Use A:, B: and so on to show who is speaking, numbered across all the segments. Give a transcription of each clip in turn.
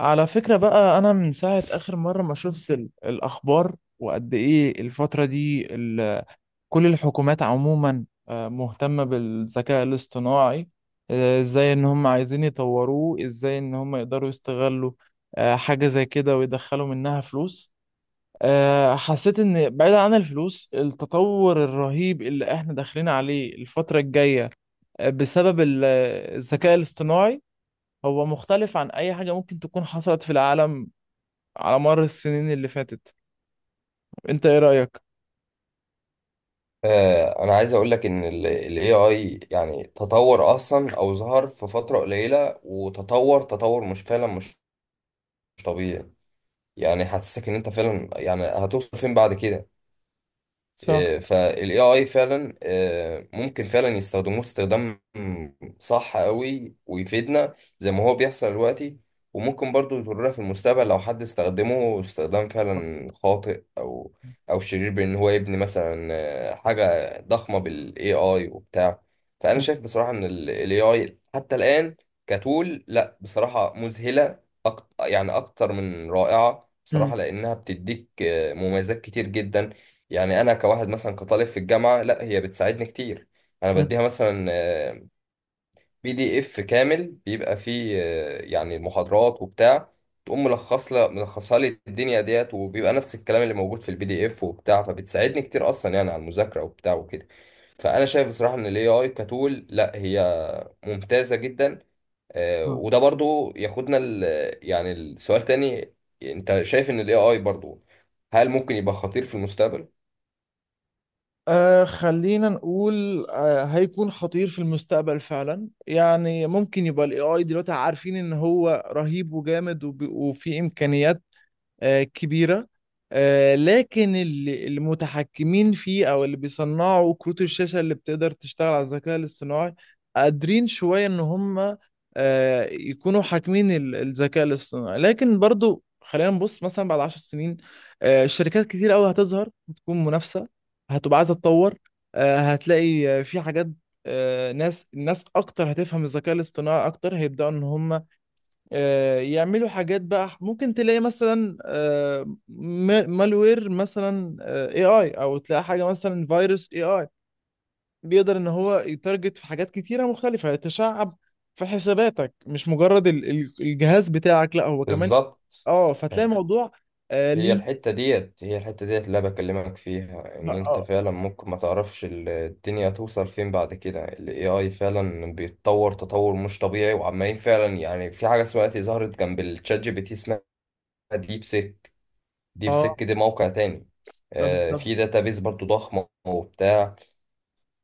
A: على فكرة بقى، أنا من ساعة آخر مرة ما شفت الأخبار وقد إيه الفترة دي كل الحكومات عموما مهتمة بالذكاء الاصطناعي. إزاي إن هم عايزين يطوروه، إزاي إن هم يقدروا يستغلوا حاجة زي كده ويدخلوا منها فلوس. حسيت إن بعيدا عن الفلوس التطور الرهيب اللي إحنا داخلين عليه الفترة الجاية بسبب الذكاء الاصطناعي هو مختلف عن أي حاجة ممكن تكون حصلت في العالم على مر السنين اللي فاتت. انت ايه رأيك؟
B: انا عايز اقول لك ان ال AI يعني تطور اصلا او ظهر في فترة قليلة وتطور تطور مش فعلا مش مش طبيعي. يعني حاسسك ان انت فعلا يعني هتوصل فين بعد كده.
A: صح.
B: فالاي اي فعلا، ممكن فعلا يستخدموه استخدام صح قوي ويفيدنا زي ما هو بيحصل دلوقتي. وممكن برضو يضرنا في المستقبل لو حد استخدمه استخدام فعلا خاطئ او شرير، بان هو يبني مثلا حاجة ضخمة بالاي اي وبتاع. فانا
A: مم.
B: شايف بصراحة ان الاي اي حتى الان كتول لا بصراحة مذهلة. أكتر يعني اكتر من رائعة
A: مم.
B: بصراحة، لانها بتديك مميزات كتير جدا. يعني انا كواحد مثلا كطالب في الجامعه لا هي بتساعدني كتير. انا
A: مم.
B: بديها مثلا بي دي اف كامل بيبقى فيه يعني محاضرات وبتاع، تقوم ملخصها لي الدنيا ديت، وبيبقى نفس الكلام اللي موجود في البي دي اف وبتاع، فبتساعدني كتير اصلا يعني على المذاكره وبتاع وكده. فانا شايف بصراحه ان الاي اي كتول لا هي ممتازه جدا. وده برضو ياخدنا يعني السؤال تاني، انت شايف ان الاي اي برضو هل ممكن يبقى خطير في المستقبل؟
A: خلينا نقول هيكون خطير في المستقبل فعلا. يعني ممكن يبقى الاي اي دلوقتي عارفين ان هو رهيب وجامد وفي امكانيات كبيرة. لكن اللي المتحكمين فيه أو اللي بيصنعوا كروت الشاشة اللي بتقدر تشتغل على الذكاء الاصطناعي قادرين شوية إن هم يكونوا حاكمين الذكاء الاصطناعي. لكن برضو خلينا نبص مثلا بعد 10 سنين. شركات كتير قوي هتظهر، هتكون منافسة، هتبقى عايزة تطور. هتلاقي في حاجات. الناس اكتر هتفهم الذكاء الاصطناعي اكتر، هيبداوا ان هم يعملوا حاجات. بقى ممكن تلاقي مثلا مالوير مثلا اي اي، او تلاقي حاجه مثلا فيروس اي اي بيقدر ان هو يتارجت في حاجات كتيره مختلفه، يتشعب في حساباتك، مش مجرد الجهاز بتاعك، لا هو كمان.
B: بالظبط.
A: اه، فتلاقي
B: فاهم.
A: الموضوع.
B: هي
A: ليه؟
B: الحتة ديت هي الحتة ديت اللي أنا بكلمك فيها، إن أنت
A: اه.
B: فعلا ممكن ما تعرفش الدنيا توصل فين بعد كده. ال AI فعلا بيتطور تطور مش طبيعي، وعمالين فعلا يعني في حاجة اسمها دلوقتي ظهرت جنب الشات جي بي تي اسمها ديب سيك. ديب
A: اه.
B: سيك دي موقع تاني،
A: بالظبط.
B: في داتابيز برضو ضخمة وبتاع.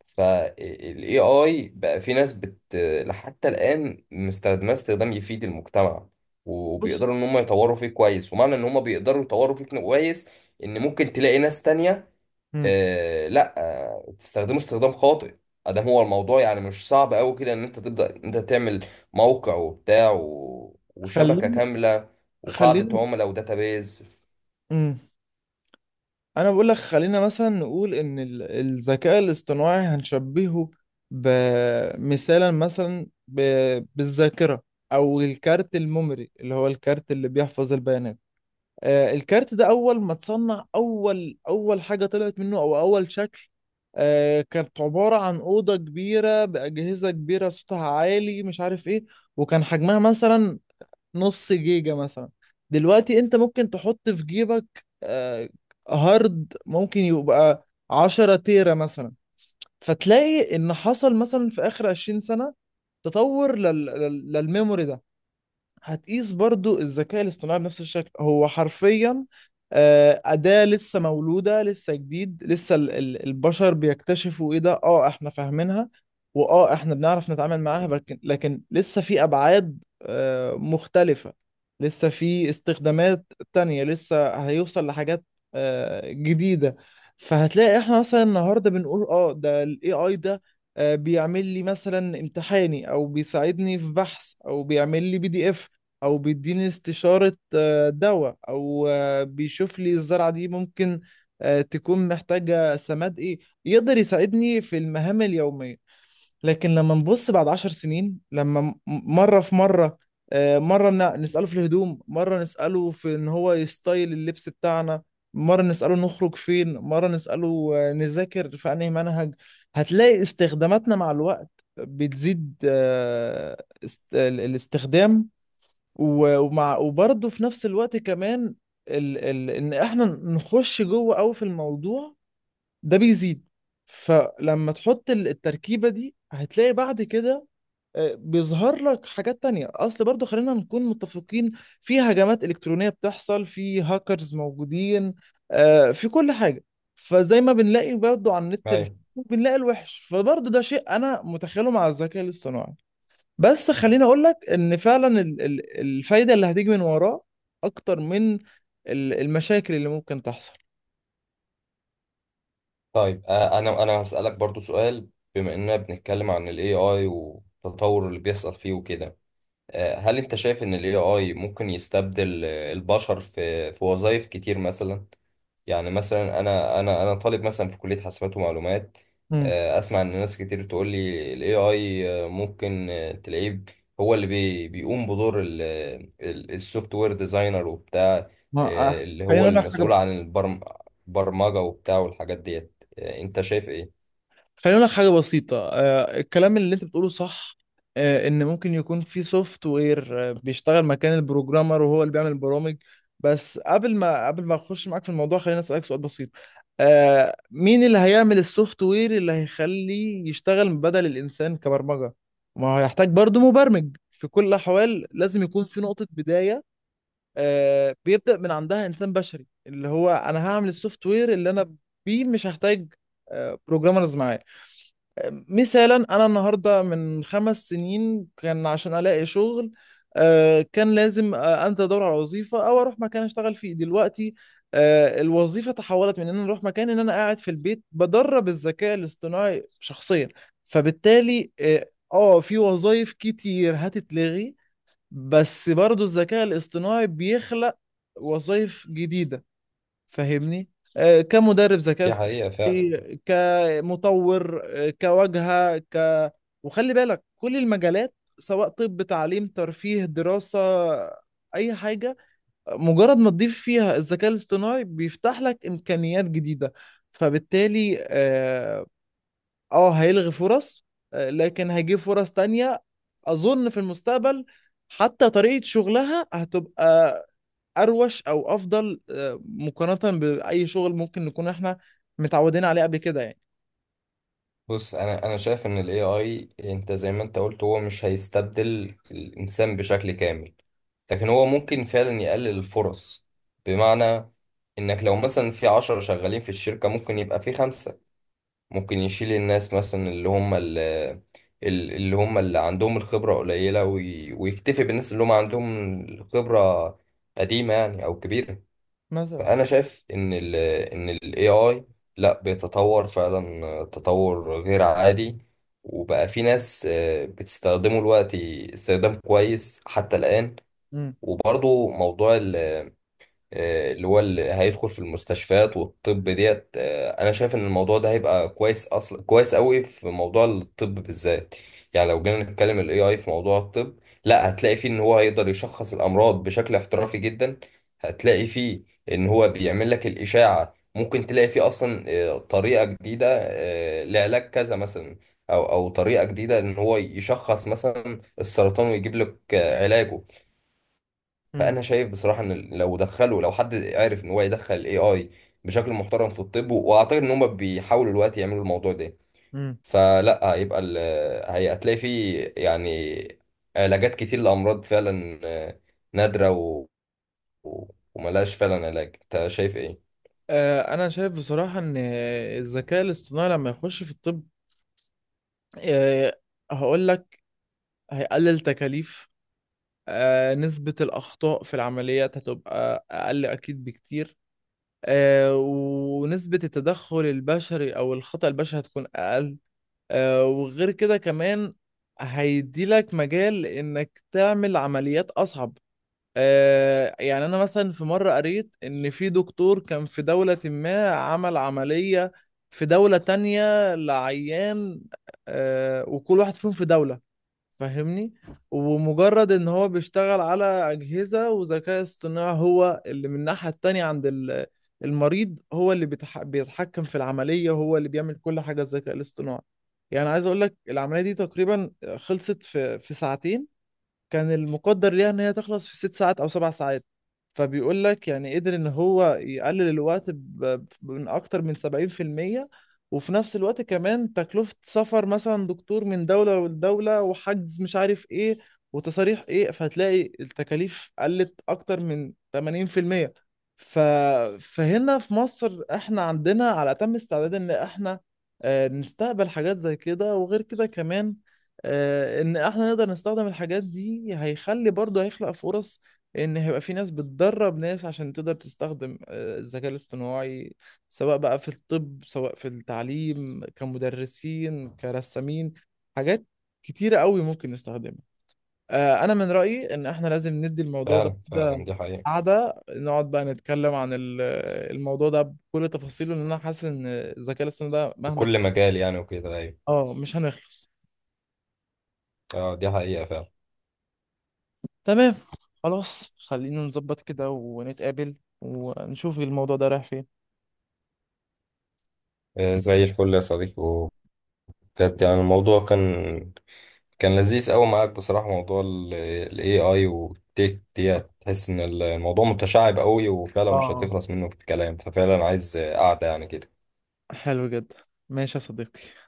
B: فالاي اي بقى في ناس حتى الان مستخدماه استخدام يفيد المجتمع،
A: بص.
B: وبيقدروا ان هم يطوروا فيه كويس. ومعنى ان هم بيقدروا يطوروا فيه كويس ان ممكن تلاقي ناس تانية،
A: مم.
B: لا، تستخدمه استخدام خاطئ. ادام هو الموضوع يعني مش صعب قوي كده ان انت تبدا انت تعمل موقع وبتاع، و... وشبكة
A: خليني
B: كاملة، وقاعدة
A: خليني
B: عملاء وداتابيز.
A: مم. انا بقول لك خلينا مثلا نقول ان الذكاء الاصطناعي هنشبهه بمثالا مثلا بالذاكره، او الكارت الميموري اللي هو الكارت اللي بيحفظ البيانات. الكارت ده اول ما اتصنع، اول حاجه طلعت منه، او اول شكل. كانت عباره عن اوضه كبيره باجهزه كبيره صوتها عالي، مش عارف ايه، وكان حجمها مثلا نص جيجا مثلا. دلوقتي انت ممكن تحط في جيبك هارد ممكن يبقى 10 تيرا مثلا. فتلاقي ان حصل مثلا في اخر 20 سنة تطور للميموري ده. هتقيس برضو الذكاء الاصطناعي بنفس الشكل. هو حرفيا أداة لسه مولودة، لسه جديد. لسه البشر بيكتشفوا ايه ده. اه احنا فاهمينها، واه احنا بنعرف نتعامل معاها. لكن لسه في أبعاد مختلفة، لسه في استخدامات تانية، لسه هيوصل لحاجات جديدة. فهتلاقي احنا مثلا النهاردة بنقول ده ال AI ده بيعمل لي مثلا امتحاني، او بيساعدني في بحث، او بيعمل لي PDF، او بيديني استشارة دواء، او بيشوف لي الزرعة دي ممكن تكون محتاجة سماد ايه. يقدر يساعدني في المهام اليومية. لكن لما نبص بعد 10 سنين، مرة في مرة، مرة نسأله في الهدوم، مرة نسأله في ان هو يستايل اللبس بتاعنا، مرة نسأله نخرج فين، مرة نسأله نذاكر في انهي منهج. هتلاقي استخداماتنا مع الوقت بتزيد، الاستخدام و- ومع وبرضه في نفس الوقت كمان ان احنا نخش جوه قوي في الموضوع ده بيزيد. فلما تحط التركيبة دي، هتلاقي بعد كده بيظهر لك حاجات تانية. اصل برضه خلينا نكون متفقين، في هجمات الكترونية بتحصل، في هاكرز موجودين في كل حاجة. فزي ما بنلاقي برضه على النت الحلو، بنلاقي الوحش، فبرضه ده شيء انا متخيله مع الذكاء الاصطناعي. بس خليني اقول لك ان فعلا الفايده اللي هتيجي من وراه اكتر من المشاكل اللي ممكن تحصل.
B: طيب، انا هسألك برضو سؤال. بما اننا بنتكلم عن ال AI والتطور اللي بيحصل فيه وكده، هل انت شايف ان ال AI ممكن يستبدل البشر في وظائف كتير مثلا؟ يعني مثلا انا طالب مثلا في كليه حاسبات ومعلومات.
A: امم
B: اسمع ان ناس كتير تقول لي الاي اي ممكن، تلاقيه هو اللي بيقوم بدور السوفت وير ديزاينر وبتاع،
A: ما
B: اللي
A: خليني
B: هو
A: اقول لك
B: المسؤول
A: حاجه
B: عن البرمجه وبتاع والحاجات ديت. انت شايف ايه؟
A: خليني اقول لك حاجه بسيطه. الكلام اللي انت بتقوله صح. ان ممكن يكون في سوفت وير بيشتغل مكان البروجرامر وهو اللي بيعمل البرامج. بس قبل ما اخش معاك في الموضوع، خليني اسالك سؤال بسيط. مين اللي هيعمل السوفت وير اللي هيخليه يشتغل بدل الانسان كبرمجه؟ ما هو هيحتاج برضه مبرمج في كل الاحوال، لازم يكون في نقطه بدايه بيبدا من عندها انسان بشري، اللي هو انا هعمل السوفت وير اللي انا بيه مش هحتاج بروجرامرز معايا. مثالا انا النهارده، من 5 سنين كان عشان الاقي شغل كان لازم انزل ادور على وظيفه او اروح مكان اشتغل فيه. دلوقتي الوظيفه تحولت من ان انا اروح مكان ان انا قاعد في البيت بدرب الذكاء الاصطناعي شخصيا. فبالتالي في وظائف كتير هتتلغي، بس برضو الذكاء الاصطناعي بيخلق وظائف جديدة. فاهمني؟ كمدرب ذكاء
B: دي حقيقه فعلا.
A: اصطناعي، كمطور، كواجهة، وخلي بالك كل المجالات، سواء طب، تعليم، ترفيه، دراسة، أي حاجة، مجرد ما تضيف فيها الذكاء الاصطناعي بيفتح لك إمكانيات جديدة. فبالتالي هيلغي فرص، لكن هيجيب فرص تانية. أظن في المستقبل حتى طريقة شغلها هتبقى اروش او افضل مقارنه باي شغل ممكن نكون احنا متعودين عليه قبل كده. يعني
B: بص، انا شايف ان الاي اي، انت زي ما انت قلت، هو مش هيستبدل الانسان بشكل كامل، لكن هو ممكن فعلا يقلل الفرص. بمعنى انك لو مثلا في 10 شغالين في الشركة ممكن يبقى في 5. ممكن يشيل الناس مثلا اللي هم اللي هم اللي عندهم الخبرة قليلة، وي- ويكتفي بالناس اللي هم عندهم الخبرة قديمة يعني او كبيرة.
A: مثلا.
B: فانا شايف ان ال AI لا بيتطور فعلا تطور غير عادي، وبقى في ناس بتستخدمه دلوقتي استخدام كويس حتى الآن.
A: مم.
B: وبرضو موضوع اللي هو اللي هيدخل في المستشفيات والطب ديت. انا شايف ان الموضوع ده هيبقى كويس اصلا، كويس قوي في موضوع الطب بالذات. يعني لو جينا نتكلم الاي اي في موضوع الطب، لا هتلاقي فيه ان هو هيقدر يشخص الامراض بشكل احترافي جدا. هتلاقي فيه ان هو بيعمل لك الاشاعة، ممكن تلاقي فيه اصلا طريقة جديدة لعلاج كذا مثلا، او طريقة جديدة ان هو يشخص مثلا السرطان ويجيب لك علاجه.
A: مم.
B: فانا شايف بصراحه ان لو حد عرف ان هو يدخل الاي اي بشكل محترم في الطب، واعتقد ان هم بيحاولوا دلوقتي يعملوا الموضوع ده.
A: مم.
B: فلا هيبقى ال- هي- هتلاقي فيه يعني علاجات كتير لامراض فعلا نادره و... و- وملهاش فعلا علاج. انت شايف ايه؟
A: انا شايف بصراحه ان الذكاء الاصطناعي لما يخش في الطب آه، هقول لك هيقلل تكاليف. نسبه الاخطاء في العمليات هتبقى اقل اكيد بكتير. ونسبه التدخل البشري او الخطأ البشري هتكون اقل. وغير كده كمان هيديلك مجال انك تعمل عمليات اصعب. يعني انا مثلا في مرة قريت ان في دكتور كان في دولة ما، عمل عملية في دولة تانية لعيان وكل واحد فيهم في دولة. فاهمني؟ ومجرد ان هو بيشتغل على اجهزه وذكاء اصطناعي هو اللي من الناحيه التانيه عند المريض، هو اللي بيتحكم في العمليه، هو اللي بيعمل كل حاجه، الذكاء الاصطناعي. يعني عايز اقول لك العمليه دي تقريبا خلصت في ساعتين. كان المقدر ليها ان هي تخلص في 6 ساعات او 7 ساعات. فبيقول لك يعني قدر ان هو يقلل الوقت من اكتر من 70%. وفي نفس الوقت كمان، تكلفة سفر مثلا دكتور من دولة لدولة، وحجز، مش عارف ايه، وتصاريح ايه، فهتلاقي التكاليف قلت اكتر من 80%. ف... فهنا في مصر احنا عندنا على اتم استعداد ان احنا نستقبل حاجات زي كده. وغير كده كمان ان احنا نقدر نستخدم الحاجات دي هيخلي، برضه هيخلق فرص، ان هيبقى في ناس بتدرب ناس عشان تقدر تستخدم الذكاء الاصطناعي، سواء بقى في الطب، سواء في التعليم، كمدرسين، كرسامين، حاجات كتيرة قوي ممكن نستخدمها. انا من رأيي ان احنا لازم ندي الموضوع ده
B: فعلا فعلا
A: كده
B: دي حقيقة.
A: قعدة، نقعد بقى نتكلم عن الموضوع ده بكل تفاصيله، لان انا حاسس ان الذكاء الاصطناعي ده
B: في
A: مهما
B: كل مجال يعني وكده، ايوه.
A: اه مش هنخلص.
B: اه دي حقيقة فعلا.
A: تمام. خلاص خلينا نظبط كده ونتقابل ونشوف الموضوع ده رايح فين.
B: زي الفل يا صديقي. وبجد يعني الموضوع كان لذيذ قوي معاك بصراحة. موضوع ال AI والتك دي تحس ان الموضوع متشعب قوي، وفعلا مش
A: اه،
B: هتخلص منه في الكلام. ففعلا عايز قعدة يعني كده
A: حلو جدا. ماشي يا صديقي.